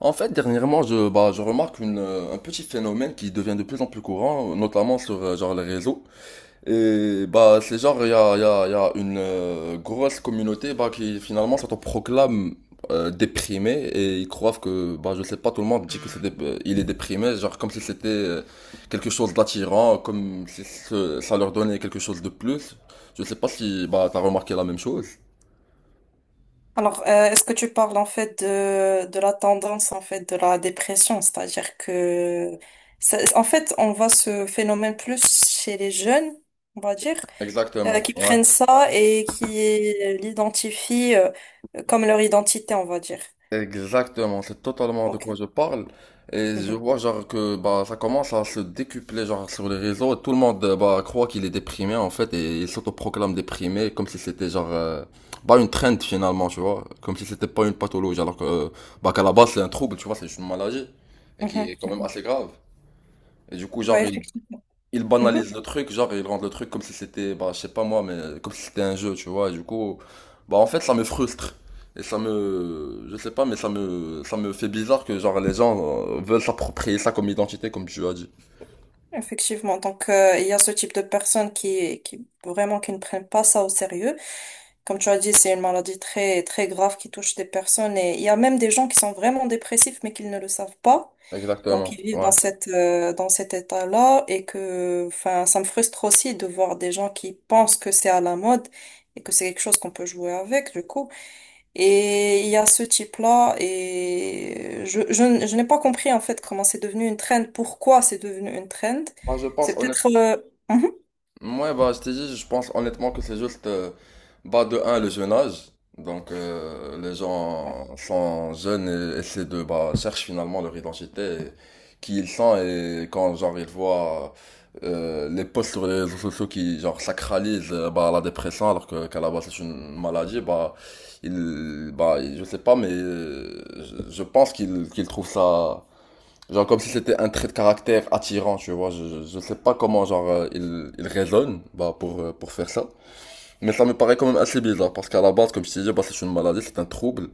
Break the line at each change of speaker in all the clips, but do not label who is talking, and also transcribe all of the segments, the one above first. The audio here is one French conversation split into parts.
En fait, dernièrement, je remarque un petit phénomène qui devient de plus en plus courant, notamment sur genre les réseaux. Et bah, c'est genre, il y a, il y a, il y a une grosse communauté bah, qui finalement s'autoproclame déprimée et ils croient que, bah, je sais pas, tout le monde dit que il est déprimé, genre comme si c'était quelque chose d'attirant, comme si ça leur donnait quelque chose de plus. Je sais pas si bah, t'as remarqué la même chose.
Est-ce que tu parles en fait de la tendance en fait de la dépression, c'est-à-dire que en fait on voit ce phénomène plus chez les jeunes, on va dire,
Exactement,
qui prennent ça et qui l'identifient comme leur identité, on va dire.
exactement, c'est totalement de
Ok.
quoi je parle. Et je
Mhm.
vois genre que bah ça commence à se décupler genre sur les réseaux et tout le monde bah croit qu'il est déprimé en fait et il s'autoproclame déprimé comme si c'était genre bah une trend finalement, tu vois, comme si c'était pas une pathologie alors que bah qu'à la base c'est un trouble, tu vois, c'est juste une maladie et qui
Mhm.
est quand même assez grave. Et du coup
Ouais,
genre ils
effectivement.
ils
Mhm.
banalisent le truc, genre ils rendent le truc comme si c'était, bah, je sais pas moi, mais comme si c'était un jeu, tu vois. Et du coup, bah en fait, ça me frustre. Et je sais pas, mais ça me fait bizarre que genre les gens veulent s'approprier ça comme identité, comme tu as dit.
Effectivement. Donc il y a ce type de personnes qui vraiment qui ne prennent pas ça au sérieux. Comme tu as dit, c'est une maladie très, très grave qui touche des personnes et il y a même des gens qui sont vraiment dépressifs mais qu'ils ne le savent pas. Donc,
Exactement,
ils vivent
ouais.
dans dans cet état-là et que, enfin, ça me frustre aussi de voir des gens qui pensent que c'est à la mode et que c'est quelque chose qu'on peut jouer avec, du coup. Et il y a ce type-là et je n'ai pas compris, en fait, comment c'est devenu une trend, pourquoi c'est devenu une trend.
Moi, je pense
C'est peut-être,
honnêtement.
mhm.
Ouais, bah, je t'ai dit, je pense honnêtement que c'est juste, bah, de un, le jeune âge. Donc, les gens sont jeunes et essaient de, bah, cherchent finalement leur identité, et qui ils sont, et quand, genre, ils voient les posts sur les réseaux sociaux qui, genre, sacralisent, bah, la dépression, alors que, qu'à la base, c'est une maladie, bah, je sais pas, mais je pense qu'ils trouvent ça genre comme si c'était un trait de caractère attirant, tu vois. Je sais pas comment genre il raisonne bah, pour faire ça. Mais ça me paraît quand même assez bizarre parce qu'à la base, comme je t'ai dit, bah, c'est une maladie, c'est un trouble.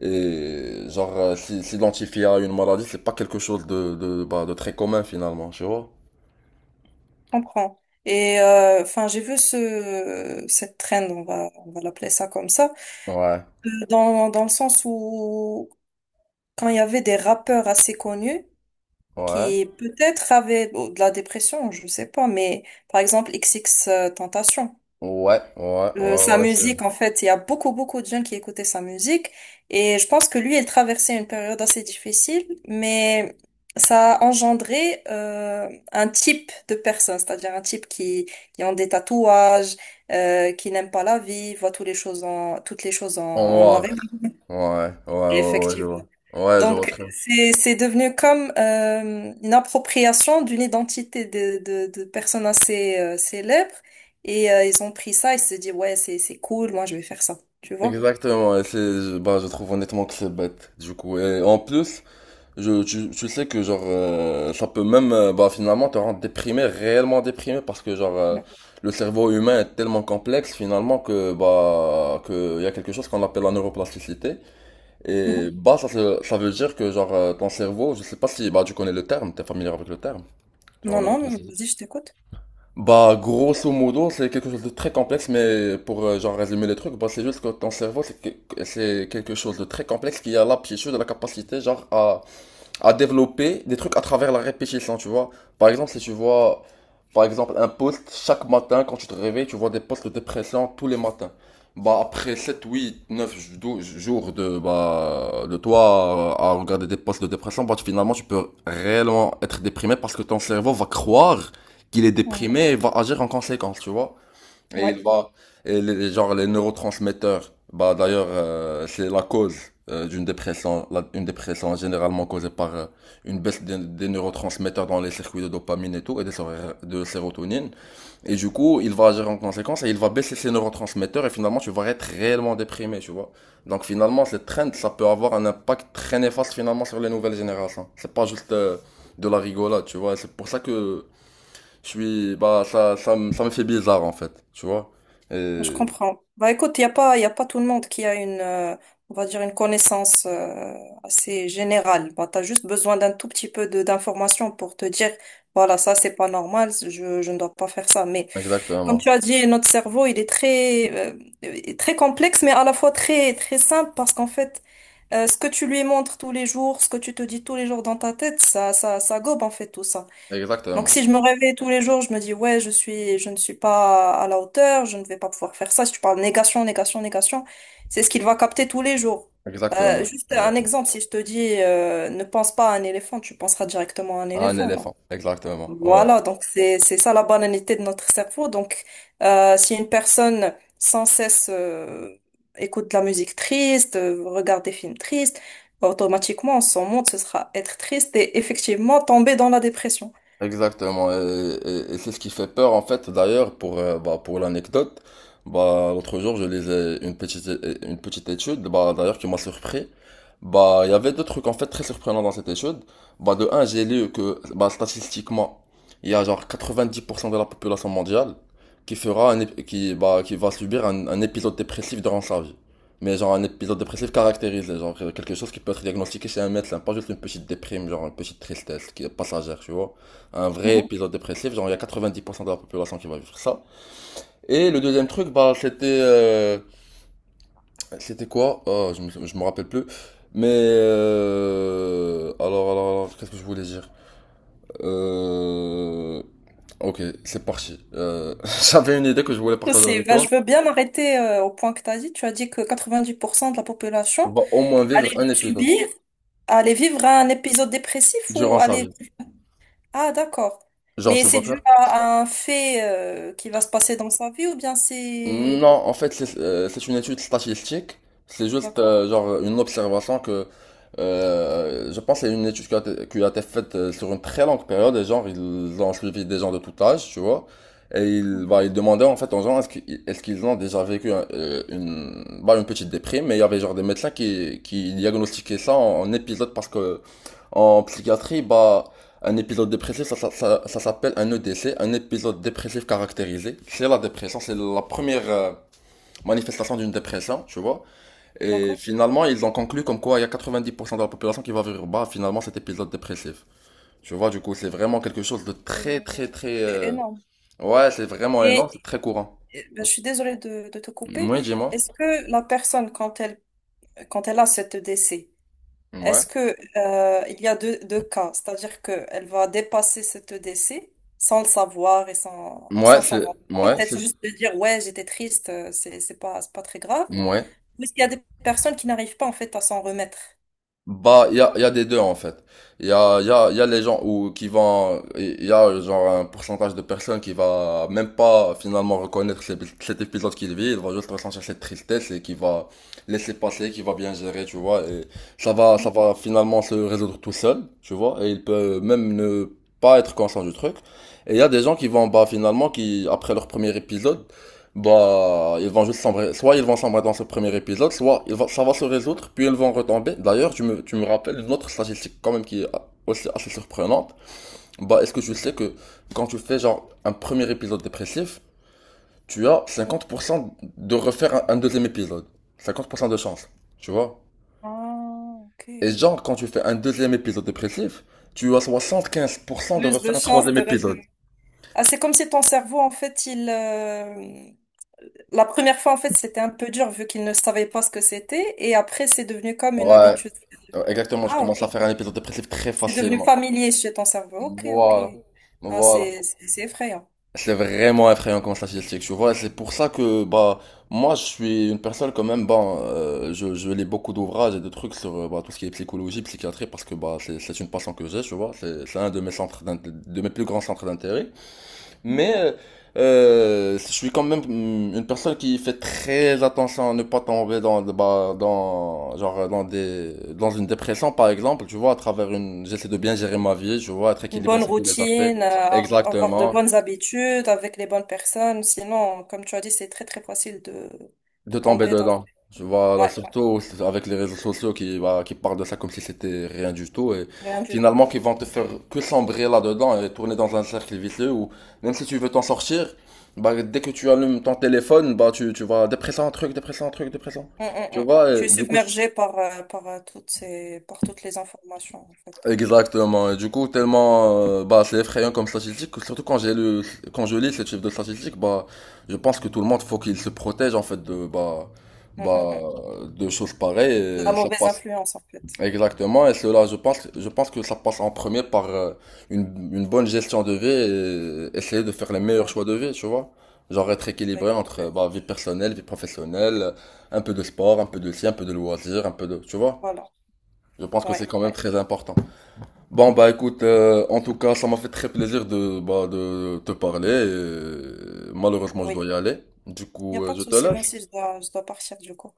Et genre s'identifier à une maladie, c'est pas quelque chose de très commun finalement, tu vois.
Comprends. Et enfin, j'ai vu ce cette trend, on va l'appeler ça comme ça,
Ouais,
dans le sens où quand il y avait des rappeurs assez connus
ouais,
qui peut-être avaient bon, de la dépression, je sais pas, mais par exemple XX Tentation.
ouais, ouais, ouais,
Sa
ouais,
musique,
c'est...
en fait, il y a beaucoup, beaucoup de jeunes qui écoutaient sa musique. Et je pense que lui, il traversait une période assez difficile, mais ça a engendré un type de personne, c'est-à-dire un type qui ont des tatouages, qui n'aime pas la vie, voit toutes les choses en, toutes les choses
En
en noir
noir.
et blanc.
Ouais, ouais, ouais, ouais, je
Effectivement.
vois. Ouais, je vois
Donc,
très bien.
c'est devenu comme une appropriation d'une identité de personnes assez célèbres. Et ils ont pris ça et se dit, ouais, c'est cool, moi, je vais faire ça. Tu vois?
Exactement, et c'est, bah, je trouve honnêtement que c'est bête, du coup. Et en plus, tu sais que genre ça peut même bah finalement te rendre déprimé, réellement déprimé parce que genre
Ouais.
le cerveau humain est tellement complexe finalement que il y a quelque chose qu'on appelle la neuroplasticité
Mhm.
et bah ça veut dire que genre ton cerveau, je sais pas si bah tu connais le terme, t'es familier avec le terme, genre
Non, non, mais
neuroplasticité.
vas-y, je t'écoute.
Bah grosso modo, c'est quelque chose de très complexe mais pour genre résumer les trucs, bah c'est juste que ton cerveau c'est quelque chose de très complexe qui a l'aptitude, la capacité genre à développer des trucs à travers la répétition, tu vois. Par exemple, si tu vois, par exemple, un post chaque matin quand tu te réveilles, tu vois des posts de dépression tous les matins. Bah, après 7, 8, 9, jours bah, de toi à regarder des posts de dépression, bah, finalement, tu peux réellement être déprimé parce que ton cerveau va croire qu'il est
Mhm.
déprimé et va agir en conséquence, tu vois. Et il
Ouais,
va, et les, genre les neurotransmetteurs, bah d'ailleurs, c'est la cause d'une dépression. Une dépression est généralement causée par une baisse des neurotransmetteurs dans les circuits de dopamine et tout, et de sérotonine. Et du coup, il va agir en conséquence et il va baisser ses neurotransmetteurs et finalement, tu vas être réellement déprimé, tu vois. Donc finalement, cette trend, ça peut avoir un impact très néfaste finalement sur les nouvelles générations. C'est pas juste de la rigolade, tu vois. C'est pour ça que je suis, bah, ça, ça me fait bizarre, en fait, tu vois.
je
Et-
comprends. Bah, écoute, il a pas tout le monde qui a une, on va dire, une connaissance assez générale. Bah, tu as juste besoin d'un tout petit peu de d'informations pour te dire, voilà, ça, c'est pas normal, je ne dois pas faire ça. Mais comme
Exactement.
tu as dit, notre cerveau, il est très, très complexe, mais à la fois très, très simple parce qu'en fait, ce que tu lui montres tous les jours, ce que tu te dis tous les jours dans ta tête, ça gobe en fait tout ça. Donc
Exactement.
si je me réveille tous les jours, je me dis, ouais, je ne suis pas à la hauteur, je ne vais pas pouvoir faire ça. Si tu parles négation, négation, négation, c'est ce qu'il va capter tous les jours.
Exactement.
Juste un
Exactement.
exemple, si je te dis, ne pense pas à un éléphant, tu penseras directement à un
Un
éléphant, non?
éléphant. Exactement. Ouais.
Voilà, donc c'est ça la banalité de notre cerveau. Donc, si une personne sans cesse écoute de la musique triste, regarde des films tristes, automatiquement son monde ce sera être triste et effectivement tomber dans la dépression.
Exactement, et c'est ce qui fait peur en fait. D'ailleurs, pour l'anecdote, bah, l'autre jour je lisais une petite étude, bah, d'ailleurs qui m'a surpris. Bah, il y avait deux trucs en fait très surprenants dans cette étude. Bah, de un, j'ai lu que bah, statistiquement, il y a genre 90% de la population mondiale qui va subir un épisode dépressif durant sa vie. Mais genre un épisode dépressif caractérisé, genre quelque chose qui peut être diagnostiqué chez un médecin, pas juste une petite déprime, genre une petite tristesse qui est passagère, tu vois un vrai
Mhm.
épisode dépressif, genre il y a 90% de la population qui va vivre ça. Et le deuxième truc, bah c'était c'était quoi. Oh, je me rappelle plus. Mais alors qu'est-ce que je voulais dire euh, ok, c'est parti. J'avais une idée que je voulais partager
C'est,
avec
ben,
toi.
je veux bien m'arrêter au point que tu as dit. Tu as dit que 90% de la
On
population
va au moins vivre
allait
un épisode
subir, allait vivre un épisode dépressif ou
durant sa
allait...
vie.
Ah, d'accord.
Genre
Mais
tu
c'est
vas
dû
faire
à un fait qui va se passer dans sa vie ou bien c'est...
non, en fait, c'est une étude statistique. C'est juste
D'accord?
genre une observation que je pense que c'est une étude qui a été faite sur une très longue période. Et genre, ils ont suivi des gens de tout âge, tu vois. Et ils,
Mm.
bah, ils demandaient en fait aux gens est-ce qu'ils ont déjà vécu une petite déprime. Mais il y avait genre des médecins qui diagnostiquaient ça en épisode parce que en psychiatrie, bah. Un épisode dépressif, ça s'appelle un EDC, un épisode dépressif caractérisé. C'est la dépression, c'est la première manifestation d'une dépression, tu vois. Et
D'accord?
finalement, ils ont conclu comme quoi il y a 90% de la population qui va vivre bas, finalement, cet épisode dépressif. Tu vois, du coup, c'est vraiment quelque chose de très,
Euh,
très, très...
c'est énorme.
Ouais, c'est vraiment énorme,
Et
c'est très courant.
ben, je suis désolée de te couper.
Oui, dis-moi.
Est-ce que la personne, quand elle a cette décès,
Ouais.
est-ce que, il y a deux cas, c'est-à-dire qu'elle va dépasser cette décès sans le savoir et
Ouais,
sans s'en
c'est...
rendre compte,
Ouais, c'est...
peut-être juste de dire, ouais, j'étais triste, c'est pas très grave.
Ouais.
Ou est-ce qu'il y a des personnes qui n'arrivent pas, en fait, à s'en remettre?
Bah, il y a des deux en fait. Il y a, il y a, il y a les gens il y a genre un pourcentage de personnes qui va même pas finalement reconnaître cet épisode qu'il vit, il va juste ressentir cette tristesse et qui va laisser passer, qui va bien gérer, tu vois, et ça va, ça
Mhm.
va finalement se résoudre tout seul, tu vois, et il peut même ne pas être conscient du truc. Et il y a des gens qui vont, bah finalement, qui, après leur premier épisode, bah, ils vont juste sombrer. Soit ils vont sombrer dans ce premier épisode, soit ça va se résoudre, puis ils vont retomber. D'ailleurs, tu me rappelles une autre statistique quand même qui est aussi assez surprenante. Bah, est-ce que tu sais que quand tu fais genre un premier épisode dépressif, tu as 50% de refaire un deuxième épisode. 50% de chance, tu vois?
Ah,
Et
ok.
genre, quand tu fais un deuxième épisode dépressif, tu as 75% de
Plus
refaire
de
un
chances
troisième
de
épisode.
réfléchir. Ah, c'est comme si ton cerveau, en fait, il, la première fois, en fait, c'était un peu dur vu qu'ils ne savaient pas ce que c'était. Et après, c'est devenu comme une
Ouais,
habitude.
exactement, je
Ah,
commence
ok.
à faire un épisode dépressif très
C'est devenu
facilement.
familier chez ton cerveau. Ok, ok.
Voilà,
Ah,
voilà.
c'est effrayant.
C'est vraiment effrayant comme statistique, tu vois. C'est pour ça que bah moi je suis une personne quand même bah je lis beaucoup d'ouvrages et de trucs sur bah, tout ce qui est psychologie, psychiatrie parce que bah c'est une passion que j'ai, tu vois. C'est un de mes centres de mes plus grands centres d'intérêt.
Mhm.
Mais euh, je suis quand même une personne qui fait très attention à ne pas tomber dans bah dans genre dans des dans une dépression par exemple, tu vois, à travers une j'essaie de bien gérer ma vie, tu vois, être
Une
équilibré
bonne
sur tous les aspects.
routine, avoir de
Exactement,
bonnes habitudes avec les bonnes personnes. Sinon, comme tu as dit, c'est très, très facile de
de tomber
tomber dans...
dedans. Je vois, là,
Ouais, ouais.
surtout avec les réseaux sociaux qui parlent de ça comme si c'était rien du tout et
Rien du tout.
finalement qui vont te faire que sombrer là-dedans et tourner dans un cercle vicieux où même si tu veux t'en sortir, bah, dès que tu allumes ton téléphone, bah, tu vas dépressant, un truc, dépressant, un truc, dépressant.
Mm, mm,
Tu
mm.
vois,
Tu
et
es
du coup,
submergé par, par, toutes ces, par toutes les informations, en fait.
exactement. Et du coup,
Mm,
tellement, bah, c'est effrayant comme statistique. Surtout quand j'ai lu, quand je lis ce type de statistique, bah, je pense que tout le monde faut qu'il se protège en fait
mm,
bah,
mm.
de choses pareilles.
De la
Et ça
mauvaise
passe
influence, en fait.
exactement. Et cela, je pense que ça passe en premier par une bonne gestion de vie et essayer de faire les meilleurs
Mhm.
choix de vie, tu vois. Genre être
Bah,
équilibré
écoute,
entre
ouais.
bah, vie personnelle, vie professionnelle, un peu de sport, un peu de ci, un peu de loisirs, un peu de, tu vois.
Voilà.
Je pense que
Ouais,
c'est quand même
ouais,
très important. Bon bah écoute, en tout cas, ça m'a fait très plaisir de te parler. Et malheureusement, je
oui.
dois y aller. Du
Il n'y a
coup,
pas de
je te
souci. Moi
lâche.
aussi, je dois partir du coup.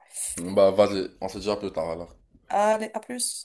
Bah vas-y, on se dit à plus tard alors.
Allez, à plus.